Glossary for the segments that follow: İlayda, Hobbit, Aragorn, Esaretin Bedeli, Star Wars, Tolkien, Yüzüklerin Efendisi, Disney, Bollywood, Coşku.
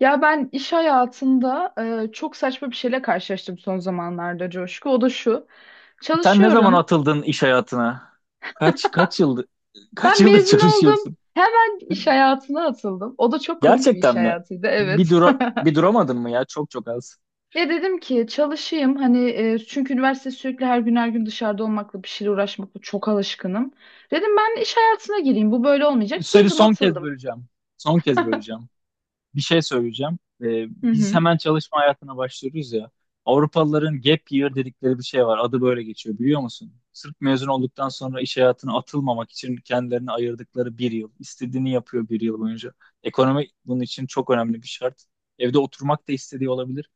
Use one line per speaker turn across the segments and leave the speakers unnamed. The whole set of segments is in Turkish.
Ya ben iş hayatında çok saçma bir şeyle karşılaştım son zamanlarda Coşku. O da şu.
Sen ne zaman
Çalışıyorum.
atıldın iş hayatına? Kaç kaç yıldır kaç
Ben
yıldır
mezun oldum.
çalışıyorsun?
Hemen iş hayatına atıldım. O da çok komik bir iş
Gerçekten mi?
hayatıydı, evet.
Bir duramadın mı ya? Çok çok az.
Ya dedim ki çalışayım hani çünkü üniversite sürekli her gün her gün dışarıda olmakla bir şeyle uğraşmakla çok alışkınım. Dedim ben iş hayatına gireyim. Bu böyle olmayacak.
Seni
Girdim
son kez
atıldım.
böleceğim. Son kez böleceğim. Bir şey söyleyeceğim.
Hı
Biz
hı.
hemen çalışma hayatına başlıyoruz ya. Avrupalıların gap year dedikleri bir şey var. Adı böyle geçiyor biliyor musun? Sırf mezun olduktan sonra iş hayatına atılmamak için kendilerine ayırdıkları bir yıl. İstediğini yapıyor bir yıl boyunca. Ekonomi bunun için çok önemli bir şart. Evde oturmak da istediği olabilir.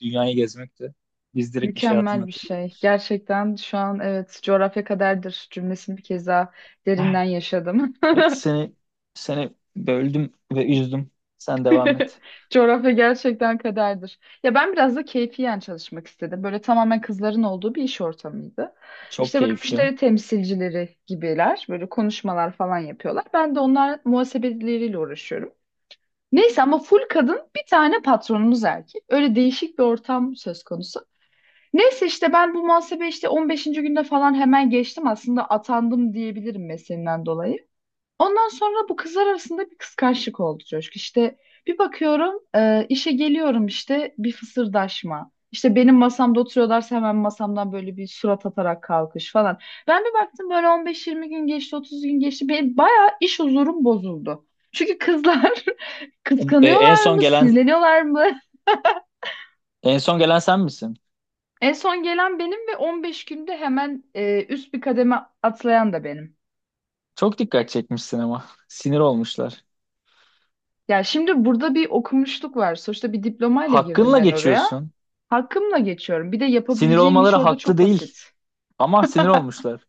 Dünyayı gezmekti. Biz direkt iş hayatına
Mükemmel bir
atıldık.
şey. Gerçekten şu an evet coğrafya kaderdir cümlesini bir kez daha derinden yaşadım.
Evet, seni böldüm ve üzdüm. Sen devam et.
Coğrafya gerçekten kaderdir. Ya ben biraz da keyfiyen çalışmak istedim. Böyle tamamen kızların olduğu bir iş ortamıydı.
Çok
İşte böyle
keyifli.
müşteri temsilcileri gibiler. Böyle konuşmalar falan yapıyorlar. Ben de onlar muhasebeleriyle uğraşıyorum. Neyse ama full kadın bir tane patronumuz erkek. Öyle değişik bir ortam söz konusu. Neyse işte ben bu muhasebe işte 15. günde falan hemen geçtim. Aslında atandım diyebilirim mesleğimden dolayı. Ondan sonra bu kızlar arasında bir kıskançlık oldu Coşku. İşte bir bakıyorum, işe geliyorum işte bir fısırdaşma. İşte benim masamda oturuyorlarsa hemen masamdan böyle bir surat atarak kalkış falan. Ben bir baktım böyle 15-20 gün geçti, 30 gün geçti. Benim bayağı iş huzurum bozuldu. Çünkü kızlar
Um, E, en
kıskanıyorlar
son
mı,
gelen
sinirleniyorlar mı?
en son gelen sen misin?
En son gelen benim ve 15 günde hemen üst bir kademe atlayan da benim.
Çok dikkat çekmişsin ama. Sinir olmuşlar.
Ya şimdi burada bir okumuşluk var. Sonuçta bir diplomayla girdim
Hakkınla
ben oraya.
geçiyorsun.
Hakkımla geçiyorum. Bir de
Sinir
yapabileceğim bir
olmaları
şey orada
haklı
çok
değil.
basit.
Ama sinir olmuşlar.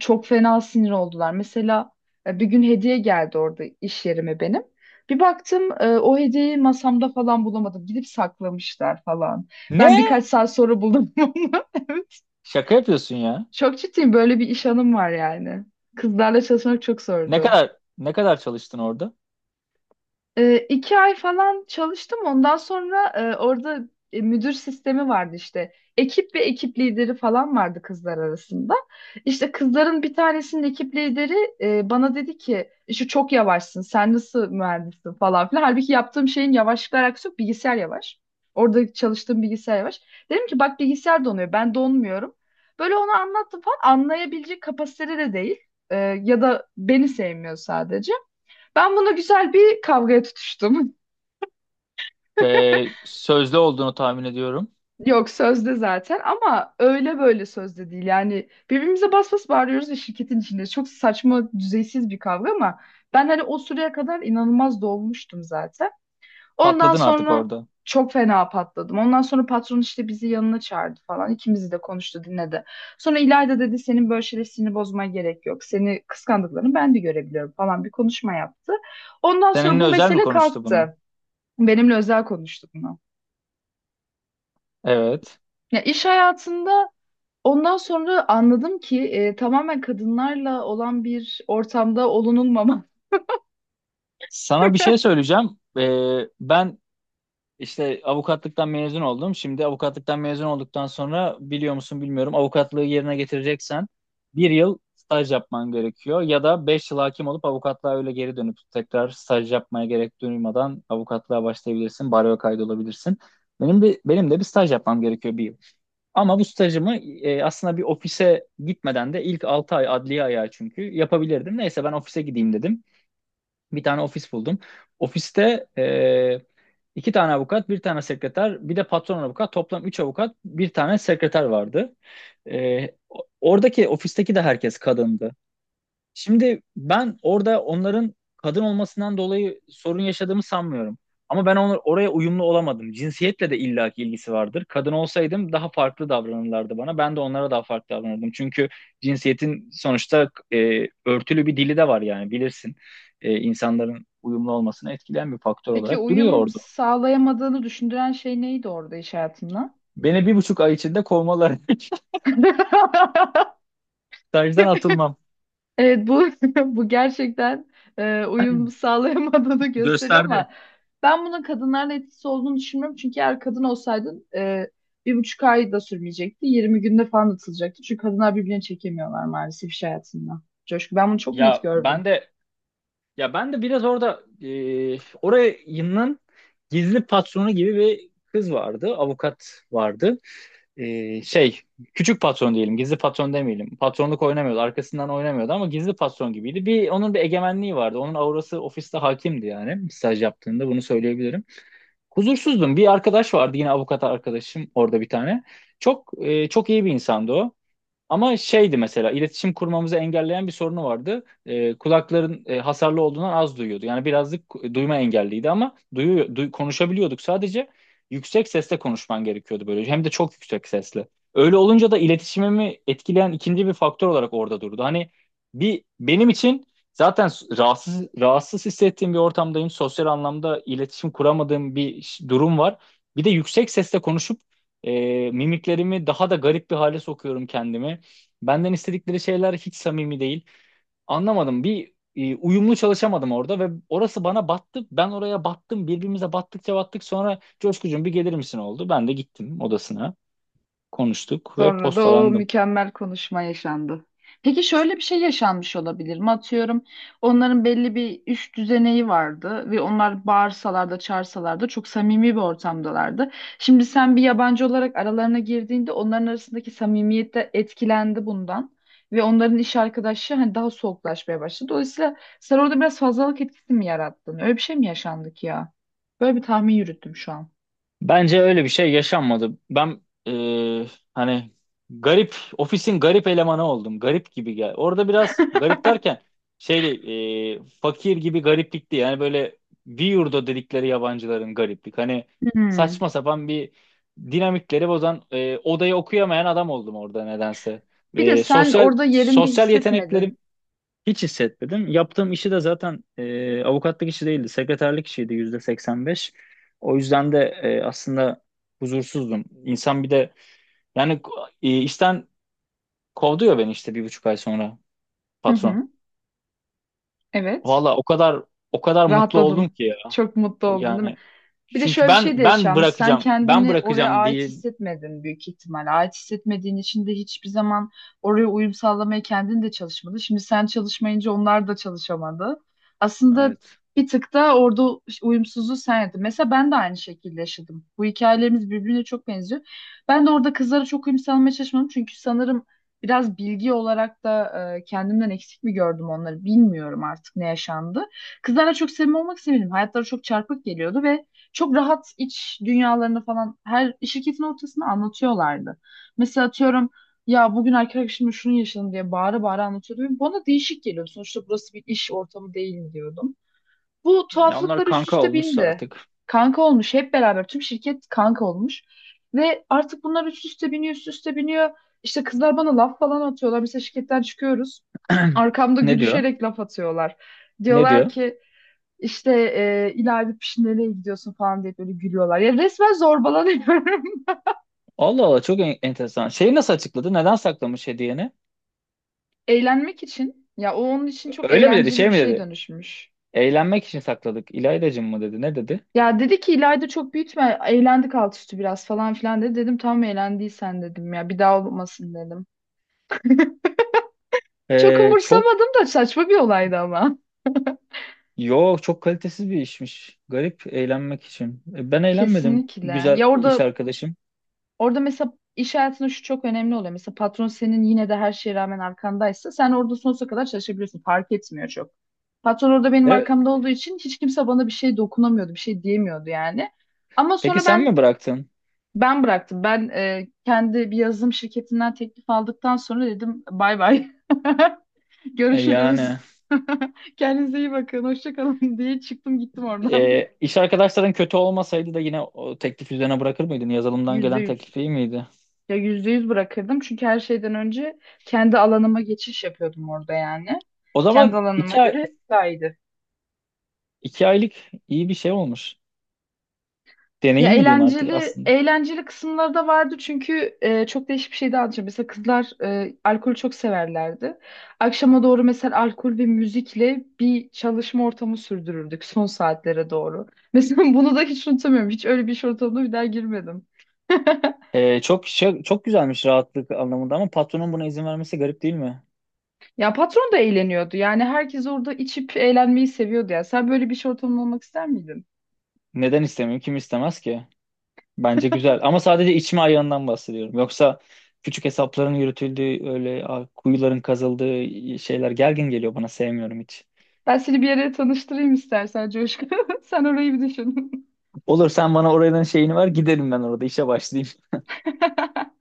Çok fena sinir oldular. Mesela bir gün hediye geldi orada iş yerime benim. Bir baktım, o hediyeyi masamda falan bulamadım. Gidip saklamışlar falan. Ben
Ne?
birkaç saat sonra buldum onu. Evet.
Şaka yapıyorsun ya.
Çok ciddiyim, böyle bir iş anım var yani. Kızlarla çalışmak çok
Ne
zordu.
kadar ne kadar çalıştın orada?
2 ay falan çalıştım. Ondan sonra orada müdür sistemi vardı işte. Ekip ve ekip lideri falan vardı kızlar arasında. İşte kızların bir tanesinin ekip lideri bana dedi ki şu çok yavaşsın sen nasıl mühendissin falan filan. Halbuki yaptığım şeyin yavaşlıkla alakası yok, bilgisayar yavaş. Orada çalıştığım bilgisayar yavaş. Dedim ki bak, bilgisayar donuyor ben donmuyorum. Böyle onu anlattım falan, anlayabilecek kapasitede de değil. E, Ya da beni sevmiyor sadece. Ben buna güzel bir kavgaya tutuştum.
Sözlü olduğunu tahmin ediyorum.
Yok sözde zaten ama öyle böyle sözde değil. Yani birbirimize bas bas bağırıyoruz ve şirketin içinde çok saçma, düzeysiz bir kavga ama ben hani o süreye kadar inanılmaz dolmuştum zaten. Ondan
Patladın artık
sonra
orada.
çok fena patladım. Ondan sonra patron işte bizi yanına çağırdı falan. İkimizi de konuştu, dinledi. Sonra İlayda dedi senin böyle şeyler sinir bozmaya gerek yok. Seni kıskandıklarını ben de görebiliyorum falan, bir konuşma yaptı. Ondan sonra
Seninle
bu
özel mi
mesele
konuştu bunu?
kalktı. Benimle özel konuştu bunu.
Evet.
Ya iş hayatında ondan sonra anladım ki tamamen kadınlarla olan bir ortamda olunulmama.
Sana bir şey söyleyeceğim. Ben işte avukatlıktan mezun oldum. Şimdi avukatlıktan mezun olduktan sonra biliyor musun bilmiyorum avukatlığı yerine getireceksen bir yıl staj yapman gerekiyor. Ya da 5 yıl hakim olup avukatlığa öyle geri dönüp tekrar staj yapmaya gerek duymadan avukatlığa başlayabilirsin. Baroya kaydolabilirsin. Benim bir, benim de bir staj yapmam gerekiyor bir yıl. Ama bu stajımı aslında bir ofise gitmeden de ilk 6 ay adliye ayağı çünkü yapabilirdim. Neyse ben ofise gideyim dedim. Bir tane ofis buldum. Ofiste iki tane avukat, bir tane sekreter, bir de patron avukat. Toplam üç avukat, bir tane sekreter vardı. Oradaki ofisteki de herkes kadındı. Şimdi ben orada onların kadın olmasından dolayı sorun yaşadığımı sanmıyorum. Ama ben onu, oraya uyumlu olamadım. Cinsiyetle de illaki ilgisi vardır. Kadın olsaydım daha farklı davranırlardı bana. Ben de onlara daha farklı davranırdım. Çünkü cinsiyetin sonuçta örtülü bir dili de var yani bilirsin. İnsanların uyumlu olmasını etkileyen bir faktör
Peki
olarak duruyor
uyum
orada.
sağlayamadığını düşündüren şey neydi orada iş hayatında?
Beni 1,5 ay içinde kovmaları. Stajdan atılmam.
Evet, bu bu gerçekten uyum sağlayamadığını gösteriyor
Gösterdi.
ama ben bunun kadınlarla etkisi olduğunu düşünmüyorum. Çünkü eğer kadın olsaydın, 1,5 ay da sürmeyecekti. 20 günde falan atılacaktı. Çünkü kadınlar birbirine çekemiyorlar maalesef iş hayatında. Coşku, ben bunu çok net
Ya
gördüm.
ben de Ya ben de biraz orada orayının gizli patronu gibi bir kız vardı. Avukat vardı. Şey, küçük patron diyelim. Gizli patron demeyelim. Patronluk oynamıyordu. Arkasından oynamıyordu ama gizli patron gibiydi. Bir, onun bir egemenliği vardı. Onun aurası ofiste hakimdi yani. Staj yaptığında bunu söyleyebilirim. Huzursuzdum. Bir arkadaş vardı yine avukat arkadaşım orada bir tane. Çok iyi bir insandı o. Ama şeydi mesela iletişim kurmamızı engelleyen bir sorunu vardı. Kulakların hasarlı olduğundan az duyuyordu. Yani birazcık duyma engelliydi ama konuşabiliyorduk sadece. Yüksek sesle konuşman gerekiyordu böyle. Hem de çok yüksek sesle. Öyle olunca da iletişimimi etkileyen ikinci bir faktör olarak orada durdu. Hani bir benim için zaten rahatsız rahatsız hissettiğim bir ortamdayım. Sosyal anlamda iletişim kuramadığım bir durum var. Bir de yüksek sesle konuşup mimiklerimi daha da garip bir hale sokuyorum kendimi. Benden istedikleri şeyler hiç samimi değil. Anlamadım. Bir uyumlu çalışamadım orada ve orası bana battı. Ben oraya battım. Birbirimize battıkça battık. Sonra Coşkucuğum bir gelir misin oldu. Ben de gittim odasına. Konuştuk ve
Sonra da o
postalandım.
mükemmel konuşma yaşandı. Peki şöyle bir şey yaşanmış olabilir mi? Atıyorum, onların belli bir üst düzeneği vardı ve onlar bağırsalar da çağırsalar da çok samimi bir ortamdalardı. Şimdi sen bir yabancı olarak aralarına girdiğinde onların arasındaki samimiyet de etkilendi bundan. Ve onların iş arkadaşı hani daha soğuklaşmaya başladı. Dolayısıyla sen orada biraz fazlalık etkisi mi yarattın? Öyle bir şey mi yaşandı ki ya? Böyle bir tahmin yürüttüm şu an.
Bence öyle bir şey yaşanmadı. Ben e, hani garip ofisin garip elemanı oldum. Garip gibi gel. Orada biraz garip derken şey değil, fakir gibi gariplikti. Yani böyle yurda dedikleri yabancıların gariplik. Hani
Hmm.
saçma sapan bir dinamikleri bozan odayı okuyamayan adam oldum orada nedense.
Bir de
E,
sen
sosyal
orada yerinde
sosyal
hissetmedin.
yeteneklerim hiç hissetmedim. Yaptığım işi de zaten avukatlık işi değildi. Sekreterlik işiydi %85. O yüzden de aslında huzursuzdum. İnsan bir de yani işten kovduyor beni işte 1,5 ay sonra
Hı
patron.
hı. Evet.
Valla o kadar o kadar mutlu oldum
Rahatladın.
ki ya.
Çok mutlu
O
oldun değil mi?
Yani
Bir de
çünkü
şöyle bir şey de
ben ben
yaşanmış. Sen
bırakacağım. Ben
kendini oraya
bırakacağım
ait
değil.
hissetmedin büyük ihtimal. Ait hissetmediğin için de hiçbir zaman oraya uyum sağlamaya kendin de çalışmadı. Şimdi sen çalışmayınca onlar da çalışamadı. Aslında
Evet.
bir tık da orada uyumsuzluğu sen yaptın. Mesela ben de aynı şekilde yaşadım. Bu hikayelerimiz birbirine çok benziyor. Ben de orada kızlara çok uyum sağlamaya çalışmadım. Çünkü sanırım biraz bilgi olarak da kendimden eksik mi gördüm onları, bilmiyorum artık ne yaşandı. Kızlarla çok samimi olmak istemedim. Hayatları çok çarpık geliyordu ve çok rahat iç dünyalarını falan her şirketin ortasında anlatıyorlardı. Mesela atıyorum, ya bugün arkadaşımla şunu yaşadım diye bağıra bağıra anlatıyordum. Bana değişik geliyor. Sonuçta burası bir iş ortamı değil diyordum. Bu
Ya onlar
tuhaflıklar üst
kanka
üste
olmuşsa
bindi.
artık.
Kanka olmuş, hep beraber tüm şirket kanka olmuş. Ve artık bunlar üst üste biniyor üst üste biniyor. İşte kızlar bana laf falan atıyorlar. Mesela şirketten çıkıyoruz. Arkamda
Ne diyor?
gülüşerek laf atıyorlar.
Ne
Diyorlar
diyor?
ki işte ileride piş nereye gidiyorsun falan diye böyle gülüyorlar. Ya resmen zorbalanıyorum.
Allah Allah çok enteresan. Şeyi nasıl açıkladı? Neden saklamış hediyeni?
Eğlenmek için. Ya o onun için çok
Öyle mi dedi?
eğlenceli
Şey
bir
mi
şey
dedi?
dönüşmüş.
Eğlenmek için sakladık. İlaydacım mı dedi? Ne dedi?
Ya dedi ki ileride çok büyütme. Eğlendik alt üstü biraz falan filan dedi. Dedim tamam eğlendiysen dedim ya. Bir daha olmasın dedim. Çok
Çok
umursamadım da saçma bir olaydı ama.
Yo, çok kalitesiz bir işmiş. Garip eğlenmek için. Ben eğlenmedim
Kesinlikle.
güzel iş arkadaşım.
Orada mesela iş hayatında şu çok önemli oluyor. Mesela patron senin yine de her şeye rağmen arkandaysa sen orada sonsuza kadar çalışabiliyorsun. Fark etmiyor çok. Patron orada benim
E,
arkamda olduğu için hiç kimse bana bir şey dokunamıyordu, bir şey diyemiyordu yani. Ama
peki
sonra
sen
ben
mi bıraktın?
ben bıraktım. Ben kendi bir yazılım şirketinden teklif aldıktan sonra dedim bay bay.
Yani
Görüşürüz. Kendinize iyi bakın. Hoşça kalın diye çıktım gittim oradan.
iş arkadaşların kötü olmasaydı da yine o teklif üzerine bırakır mıydın? Yazılımdan
Yüzde
gelen
yüz.
teklif iyi miydi?
Ya %100 bırakırdım çünkü her şeyden önce kendi alanıma geçiş yapıyordum orada yani.
O
Kendi
zaman
alanıma
2 ay,
göre daha iyiydi.
2 aylık iyi bir şey olmuş.
Ya
Deneyim mi diyeyim artık
eğlenceli
aslında.
eğlenceli kısımları da vardı çünkü çok değişik bir şey daha anlatacağım. Mesela kızlar alkolü çok severlerdi. Akşama doğru mesela alkol ve müzikle bir çalışma ortamı sürdürürdük son saatlere doğru. Mesela bunu da hiç unutamıyorum. Hiç öyle bir iş ortamına bir daha girmedim.
Çok güzelmiş rahatlık anlamında ama patronun buna izin vermesi garip değil mi?
Ya patron da eğleniyordu. Yani herkes orada içip eğlenmeyi seviyordu ya. Sen böyle bir iş ortamında olmak ister miydin?
Neden istemiyorum? Kim istemez ki? Bence güzel. Ama sadece içme ayağından bahsediyorum. Yoksa küçük hesapların yürütüldüğü, öyle kuyuların kazıldığı şeyler gergin geliyor bana. Sevmiyorum hiç.
Ben seni bir yere tanıştırayım istersen Coşku. Sen orayı bir düşün.
Olur sen bana oranın şeyini ver giderim ben orada işe başlayayım.